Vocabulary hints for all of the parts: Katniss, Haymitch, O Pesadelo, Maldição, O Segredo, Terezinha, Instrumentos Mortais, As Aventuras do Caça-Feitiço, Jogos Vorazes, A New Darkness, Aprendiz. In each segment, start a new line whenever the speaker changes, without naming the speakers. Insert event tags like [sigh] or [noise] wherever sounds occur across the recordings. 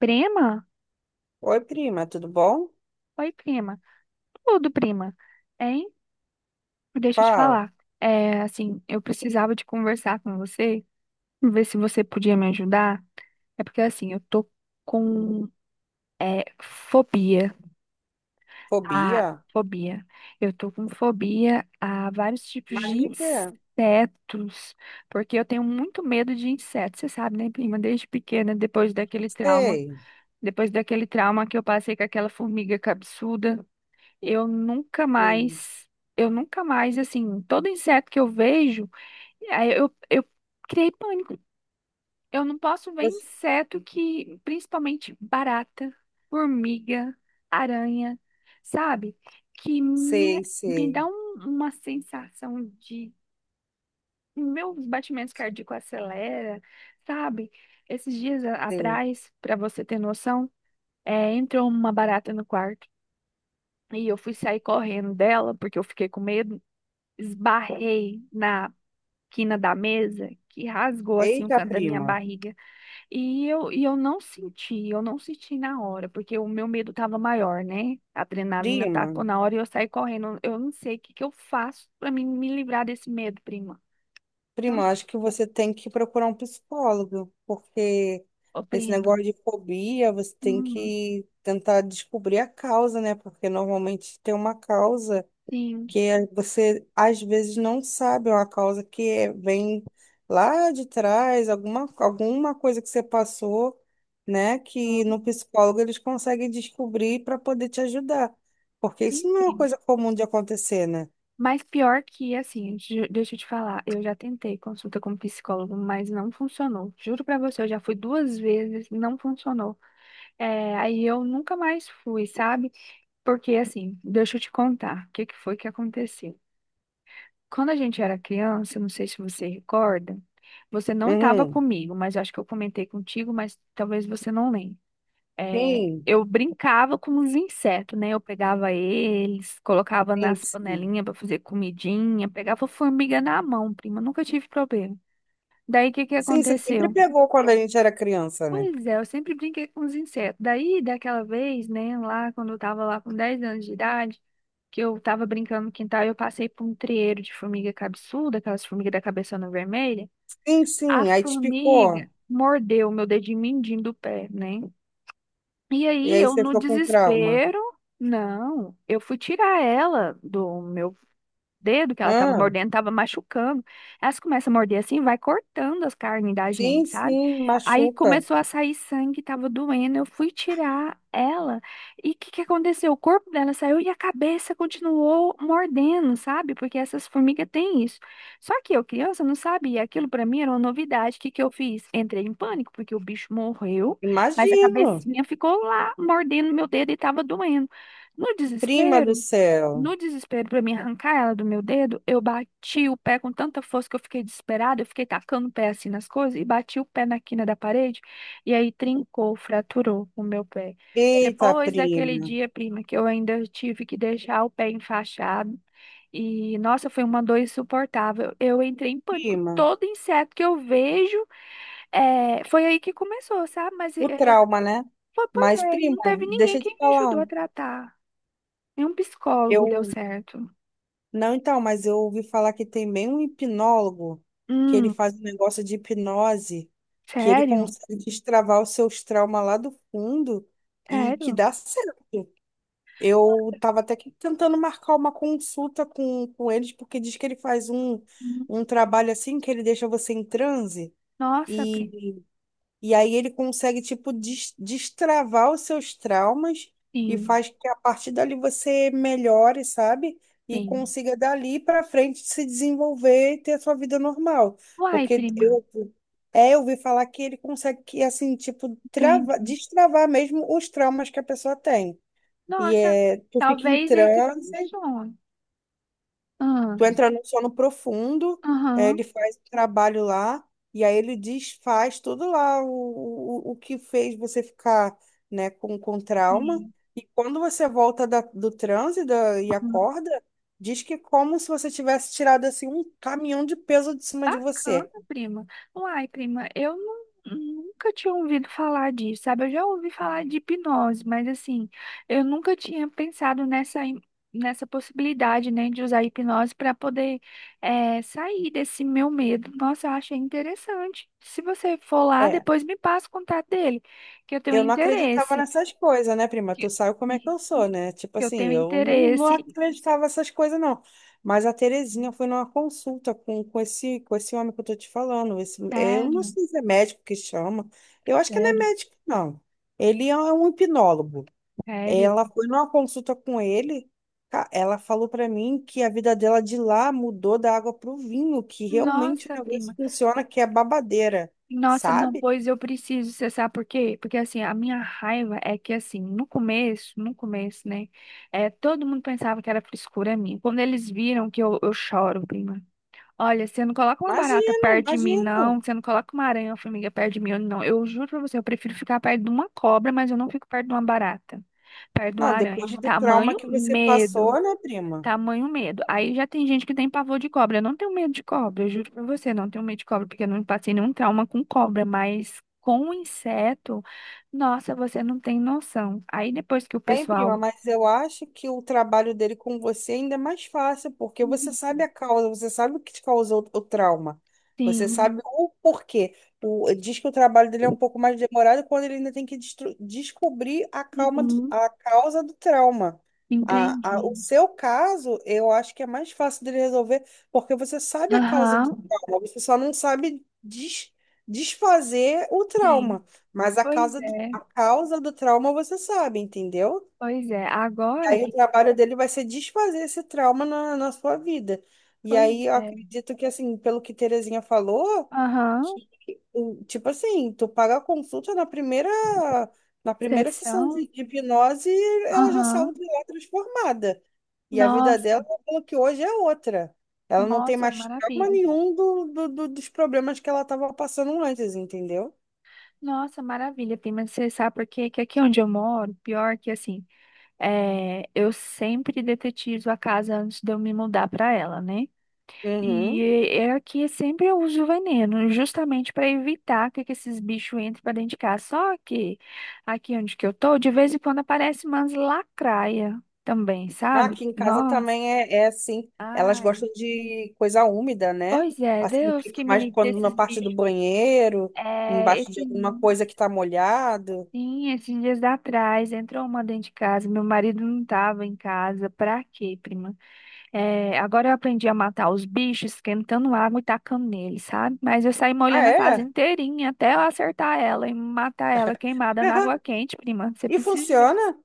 Prima?
Oi, prima, tudo bom?
Oi, prima. Tudo, prima. Hein? Deixa eu te
Fala.
falar. Assim, eu precisava de conversar com você, ver se você podia me ajudar. É porque, assim, eu tô com fobia. A
Fobia?
fobia. Eu tô com fobia a vários tipos
Mas
de
de quê?
insetos. Porque eu tenho muito medo de insetos, você sabe, né, prima? Desde pequena, depois daquele trauma.
Sei,
Depois daquele trauma que eu passei com aquela formiga cabeçuda. Eu nunca
sei.
mais, eu nunca mais, assim, todo inseto que eu vejo, aí eu criei pânico. Eu não posso ver
Você-
inseto que, principalmente barata, formiga, aranha, sabe? Que me,
Sei,
me
sei,
dá uma sensação de. Meus batimentos cardíacos acelera, sabe? Esses dias
sei.
atrás, para você ter noção, entrou uma barata no quarto. E eu fui sair correndo dela, porque eu fiquei com medo. Esbarrei na quina da mesa que rasgou assim o
Eita,
canto da minha
prima.
barriga. E eu não senti, eu não senti na hora, porque o meu medo estava maior, né? A adrenalina
Prima,
tacou na hora e eu saí correndo. Eu não sei o que que eu faço para mim me livrar desse medo, prima. Não
prima,
sei.
acho que você tem que procurar um psicólogo, porque
Ô,
esse
prima.
negócio de fobia, você tem
Hum,
que tentar descobrir a causa, né? Porque normalmente tem uma causa.
sim.
Que você às vezes não sabe uma causa que é- vem lá de trás, alguma coisa que você passou, né? Que
Hum.
no psicólogo eles conseguem descobrir para poder te ajudar. Porque isso
Sim,
não é uma
prima.
coisa comum de acontecer, né?
Mas pior que, assim, deixa eu te falar, eu já tentei consulta com psicólogo, mas não funcionou. Juro pra você, eu já fui duas vezes, não funcionou. É, aí eu nunca mais fui, sabe? Porque assim, deixa eu te contar o que que foi que aconteceu. Quando a gente era criança, não sei se você recorda, você não estava
Uhum.
comigo, mas acho que eu comentei contigo, mas talvez você não lembre. É,
Sim,
eu brincava com os insetos, né? Eu pegava eles, colocava
sim,
nas
sim.
panelinhas para fazer comidinha, pegava formiga na mão, prima, nunca tive problema. Daí o que que
Sim, você sempre
aconteceu?
pegou quando a gente era criança, né?
Pois é, eu sempre brinquei com os insetos. Daí, daquela vez, né, lá quando eu tava lá com 10 anos de idade, que eu tava brincando no quintal, eu passei por um trieiro de formiga cabeçuda, aquelas formigas da cabeçona vermelha.
Sim,
A
sim, aí te picou.
formiga mordeu o meu dedinho mindinho do pé, né? E
E
aí,
aí
eu
você
no
ficou com trauma.
desespero, não, eu fui tirar ela do meu dedo que ela tava
Ah,
mordendo, tava machucando. Elas começam a morder assim, vai cortando as carnes da
sim,
gente, sabe?
sim,
Aí
machuca.
começou a sair sangue, tava doendo. Eu fui tirar ela. E o que que aconteceu? O corpo dela saiu e a cabeça continuou mordendo, sabe? Porque essas formigas têm isso. Só que eu, criança, não sabia. Aquilo pra mim era uma novidade. O que que eu fiz? Entrei em pânico, porque o bicho morreu, mas a
Imagino.
cabecinha ficou lá mordendo meu dedo e tava doendo. No
Prima do
desespero,
céu.
no desespero pra me arrancar ela do meu dedo, eu bati o pé com tanta força que eu fiquei desesperada, eu fiquei tacando o pé assim nas coisas e bati o pé na quina da parede e aí trincou, fraturou o meu pé.
Eita,
Depois daquele
prima,
dia, prima, que eu ainda tive que deixar o pé enfaixado e nossa, foi uma dor insuportável. Eu entrei em pânico.
prima,
Todo inseto que eu vejo, é, foi aí que começou, sabe? Mas é,
o trauma, né?
pois
Mas,
é,
prima,
não teve ninguém
deixa eu
que
te
me ajudou
falar.
a tratar. Nenhum psicólogo deu
Eu,
certo.
não, então, mas eu ouvi falar que tem bem um hipnólogo que ele
Hum.
faz um negócio de hipnose, que ele
Sério?
consegue destravar os seus traumas lá do fundo e que
Sério?
dá certo. Eu tava até que tentando marcar uma consulta com eles, porque diz que ele faz um,
Hum.
um trabalho assim que ele deixa você em transe.
Nossa, prima.
E aí ele consegue, tipo, destravar os seus traumas e
Sim,
faz que a partir dali você melhore, sabe? E
sim.
consiga dali para frente se desenvolver e ter a sua vida normal.
Uai,
Porque
prima.
eu ouvi falar que ele consegue, que, assim, tipo,
Entendi.
trava, destravar mesmo os traumas que a pessoa tem. E
Nossa,
é, tu fica em
talvez esse
transe.
funcione. Ah.
Tu entra no sono profundo, eh, ele
Aham.
faz o trabalho lá, e aí ele desfaz tudo lá o, o que fez você ficar, né, com trauma.
Sim.
E quando você volta do transe e acorda, diz que é como se você tivesse tirado assim um caminhão de peso de cima de
Bacana,
você.
prima. Uai, prima, nunca tinha ouvido falar disso, sabe? Eu já ouvi falar de hipnose, mas assim, eu nunca tinha pensado nessa, nessa possibilidade, né, de usar hipnose para poder sair desse meu medo. Nossa, eu achei interessante. Se você for lá,
é
depois me passa o contato dele, que eu tenho
Eu não acreditava
interesse.
nessas coisas, né, prima? Tu
Que
sabe como é que eu sou, né? Tipo
que eu
assim,
tenho
eu não, não
interesse.
acreditava nessas coisas, não. Mas a Terezinha foi numa consulta com esse homem que eu tô te falando. Esse, eu não
Sério,
sei se é médico que chama. Eu acho que não é
sério,
médico, não. Ele é um hipnólogo.
sério.
Ela foi numa consulta com ele. Ela falou pra mim que a vida dela de lá mudou da água pro vinho, que realmente o
Nossa,
negócio
prima.
funciona, que é babadeira,
Nossa, não,
sabe?
pois eu preciso, você sabe por quê? Porque assim, a minha raiva é que assim, no começo, né, é, todo mundo pensava que era frescura minha. Quando eles viram que eu choro, prima. Olha, você não coloca uma barata
Imagina,
perto de mim, não.
imagina.
Você não coloca uma aranha ou formiga perto de mim, não. Eu juro pra você, eu prefiro ficar perto de uma cobra, mas eu não fico perto de uma barata. Perto de uma
Não,
aranha,
depois
de
do trauma
tamanho
que você passou,
medo.
né, prima?
Tamanho medo. Aí já tem gente que tem pavor de cobra. Eu não tenho medo de cobra, eu juro pra você, não tenho medo de cobra, porque eu não passei nenhum trauma com cobra, mas com inseto, nossa, você não tem noção. Aí depois que o
Hein, prima,
pessoal.
mas eu acho que o trabalho dele com você ainda é mais fácil, porque você sabe
Uhum.
a causa, você sabe o que te causou o trauma, você
Sim,
sabe o porquê. O, diz que o trabalho dele é um pouco mais demorado quando ele ainda tem que descobrir calma,
uhum,
a causa do trauma. A, o
entendi.
seu caso, eu acho que é mais fácil dele resolver, porque você sabe a causa do
Aham,
trauma, você só não sabe desfazer o
sim.
trauma. Mas a
Pois
causa do,
é,
a causa do trauma você sabe, entendeu?
pois é.
E
Agora,
aí o
que-
trabalho dele vai ser desfazer esse trauma na sua vida. E
pois
aí eu
é.
acredito que, assim, pelo que Terezinha falou,
Aham,
que, o- tipo assim, tu paga a consulta na primeira sessão
sessão.
de hipnose, ela já saiu
Aham.
de lá transformada. E a vida dela,
Nossa,
pelo que hoje é outra. Ela não tem
nossa,
mais trauma
maravilha.
nenhum do, do, dos problemas que ela estava passando antes, entendeu?
Nossa, maravilha, prima. Você sabe por quê? Que aqui onde eu moro, pior que assim, é, eu sempre detetizo a casa antes de eu me mudar para ela, né?
Uhum.
E é aqui sempre eu uso veneno, justamente para evitar que esses bichos entrem para dentro de casa. Só que aqui onde que eu tô, de vez em quando aparece umas lacraia também,
Ah,
sabe?
aqui em casa
Nossa,
também é, é assim. Elas
ai.
gostam de coisa úmida, né?
Pois é,
Assim,
Deus
fica
que me
mais
livre
quando na
desses
parte do
bichos.
banheiro,
É,
embaixo de
esse.
alguma coisa que tá molhado.
Sim, esses dias atrás entrou uma dentro de casa. Meu marido não estava em casa. Pra quê, prima? É, agora eu aprendi a matar os bichos esquentando água e tacando neles, sabe? Mas eu saí
Ah,
molhando a casa
é?
inteirinha até eu acertar ela e matar ela queimada na água
[laughs]
quente, prima. Você
E
precisa ver.
funciona?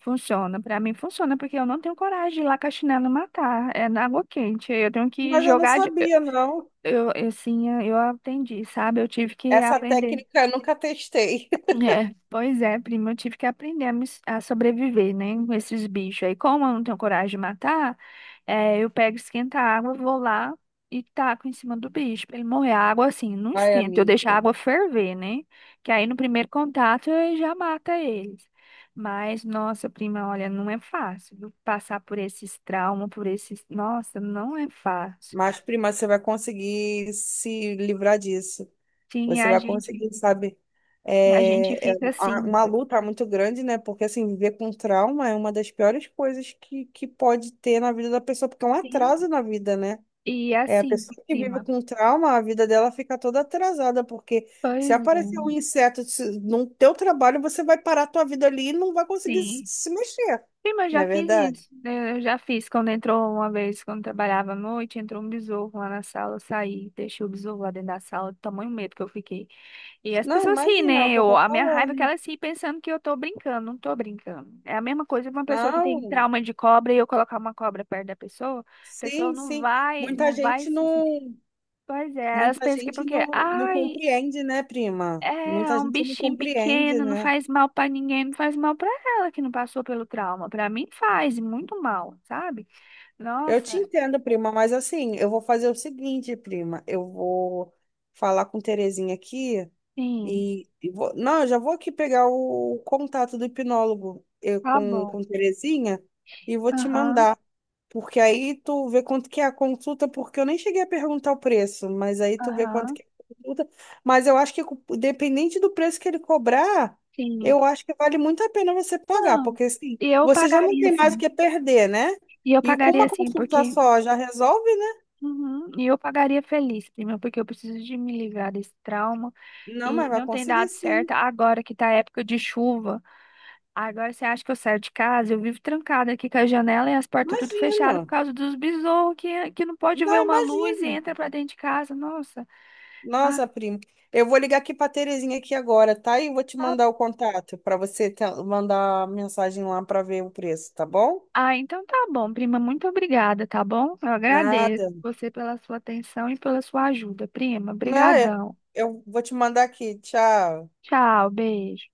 Funciona. Pra mim funciona porque eu não tenho coragem de ir lá com a chinela e matar. É na água quente. Eu tenho que
Mas eu não
jogar. De...
sabia, não.
Assim, eu aprendi, sabe? Eu tive que
Essa
aprender.
técnica eu nunca testei. [laughs]
É, pois é, primo, eu tive que aprender a sobreviver, né, com esses bichos aí. Como eu não tenho coragem de matar, é, eu pego, esquenta a água, vou lá e taco em cima do bicho pra ele morrer. A água, assim, não
Ai,
esquenta, eu deixo a
amiga.
água ferver, né, que aí no primeiro contato eu já mata eles. Mas, nossa, prima, olha, não é fácil, viu? Passar por esses traumas, por esses... Nossa, não é fácil.
Mas, prima, você vai conseguir se livrar disso.
Sim,
Você
a
vai
gente,
conseguir, sabe?
e a gente
É, é
fica
a-
assim,
uma luta muito grande, né? Porque, assim, viver com trauma é uma das piores coisas que pode ter na vida da pessoa, porque é um
sim,
atraso na vida, né?
e
É, a
assim,
pessoa que vive
prima.
com trauma, a vida dela fica toda atrasada, porque se
Pois
aparecer
é.
um inseto no teu trabalho, você vai parar a tua vida ali e não vai conseguir se
Sim.
se mexer,
Sim, mas eu
não
já
é
fiz
verdade?
isso, né? Eu já fiz quando entrou uma vez, quando trabalhava à noite, entrou um besouro lá na sala, eu saí, deixei o besouro lá dentro da sala, do tamanho medo que eu fiquei. E as
Não,
pessoas riem,
imagina é o
né?
que eu
Eu,
tô
a minha raiva é
falando.
que elas riem pensando que eu tô brincando, não tô brincando. É a mesma coisa que uma pessoa que
Não,
tem trauma de cobra e eu colocar uma cobra perto da pessoa, a pessoa
sim,
não
sim.
vai,
Muita
não vai
gente
se. se-
não.
Pois é, elas
Muita
pensam que é
gente
porque,
não, não
ai,
compreende, né, prima?
é é
Muita
um
gente não
bichinho
compreende,
pequeno, não
né?
faz mal pra ninguém, não faz mal pra ela que não passou pelo trauma. Pra mim faz e muito mal, sabe?
Eu te
Nossa,
entendo, prima, mas assim, eu vou fazer o seguinte, prima. Eu vou falar com Terezinha aqui
sim,
e vou... Não, eu já vou aqui pegar o contato do hipnólogo eu,
tá
com,
bom.
com Terezinha e vou te
Aham,
mandar. Porque aí tu vê quanto que é a consulta, porque eu nem cheguei a perguntar o preço, mas aí tu vê quanto
aham,
que é a consulta. Mas eu acho que, dependente do preço que ele cobrar,
sim.
eu acho que vale muito a pena você pagar,
Não,
porque assim,
e eu
você já não
pagaria
tem mais o
sim.
que perder, né?
E eu
E com uma
pagaria sim,
consulta
porque.
só já resolve, né?
Uhum, e eu pagaria feliz, prima, porque eu preciso de me livrar desse trauma
Não, mas
e
vai
não tem
conseguir
dado
sim.
certo agora que tá época de chuva. Agora você acha que eu saio de casa? Eu vivo trancada aqui com a janela e as portas tudo fechado por
Imagino.
causa dos besouros que não pode
Não,
ver uma luz e
imagina.
entra pra dentro de casa. Nossa. Ah,
Nossa, primo. Eu vou ligar aqui para Terezinha aqui agora, tá? E vou te
tá-
mandar o contato para você mandar mensagem lá para ver o preço, tá bom?
ah, então tá bom, prima. Muito obrigada, tá bom? Eu agradeço
Nada.
você pela sua atenção e pela sua ajuda, prima.
Não,
Obrigadão.
eu vou te mandar aqui. Tchau.
Tchau, beijo.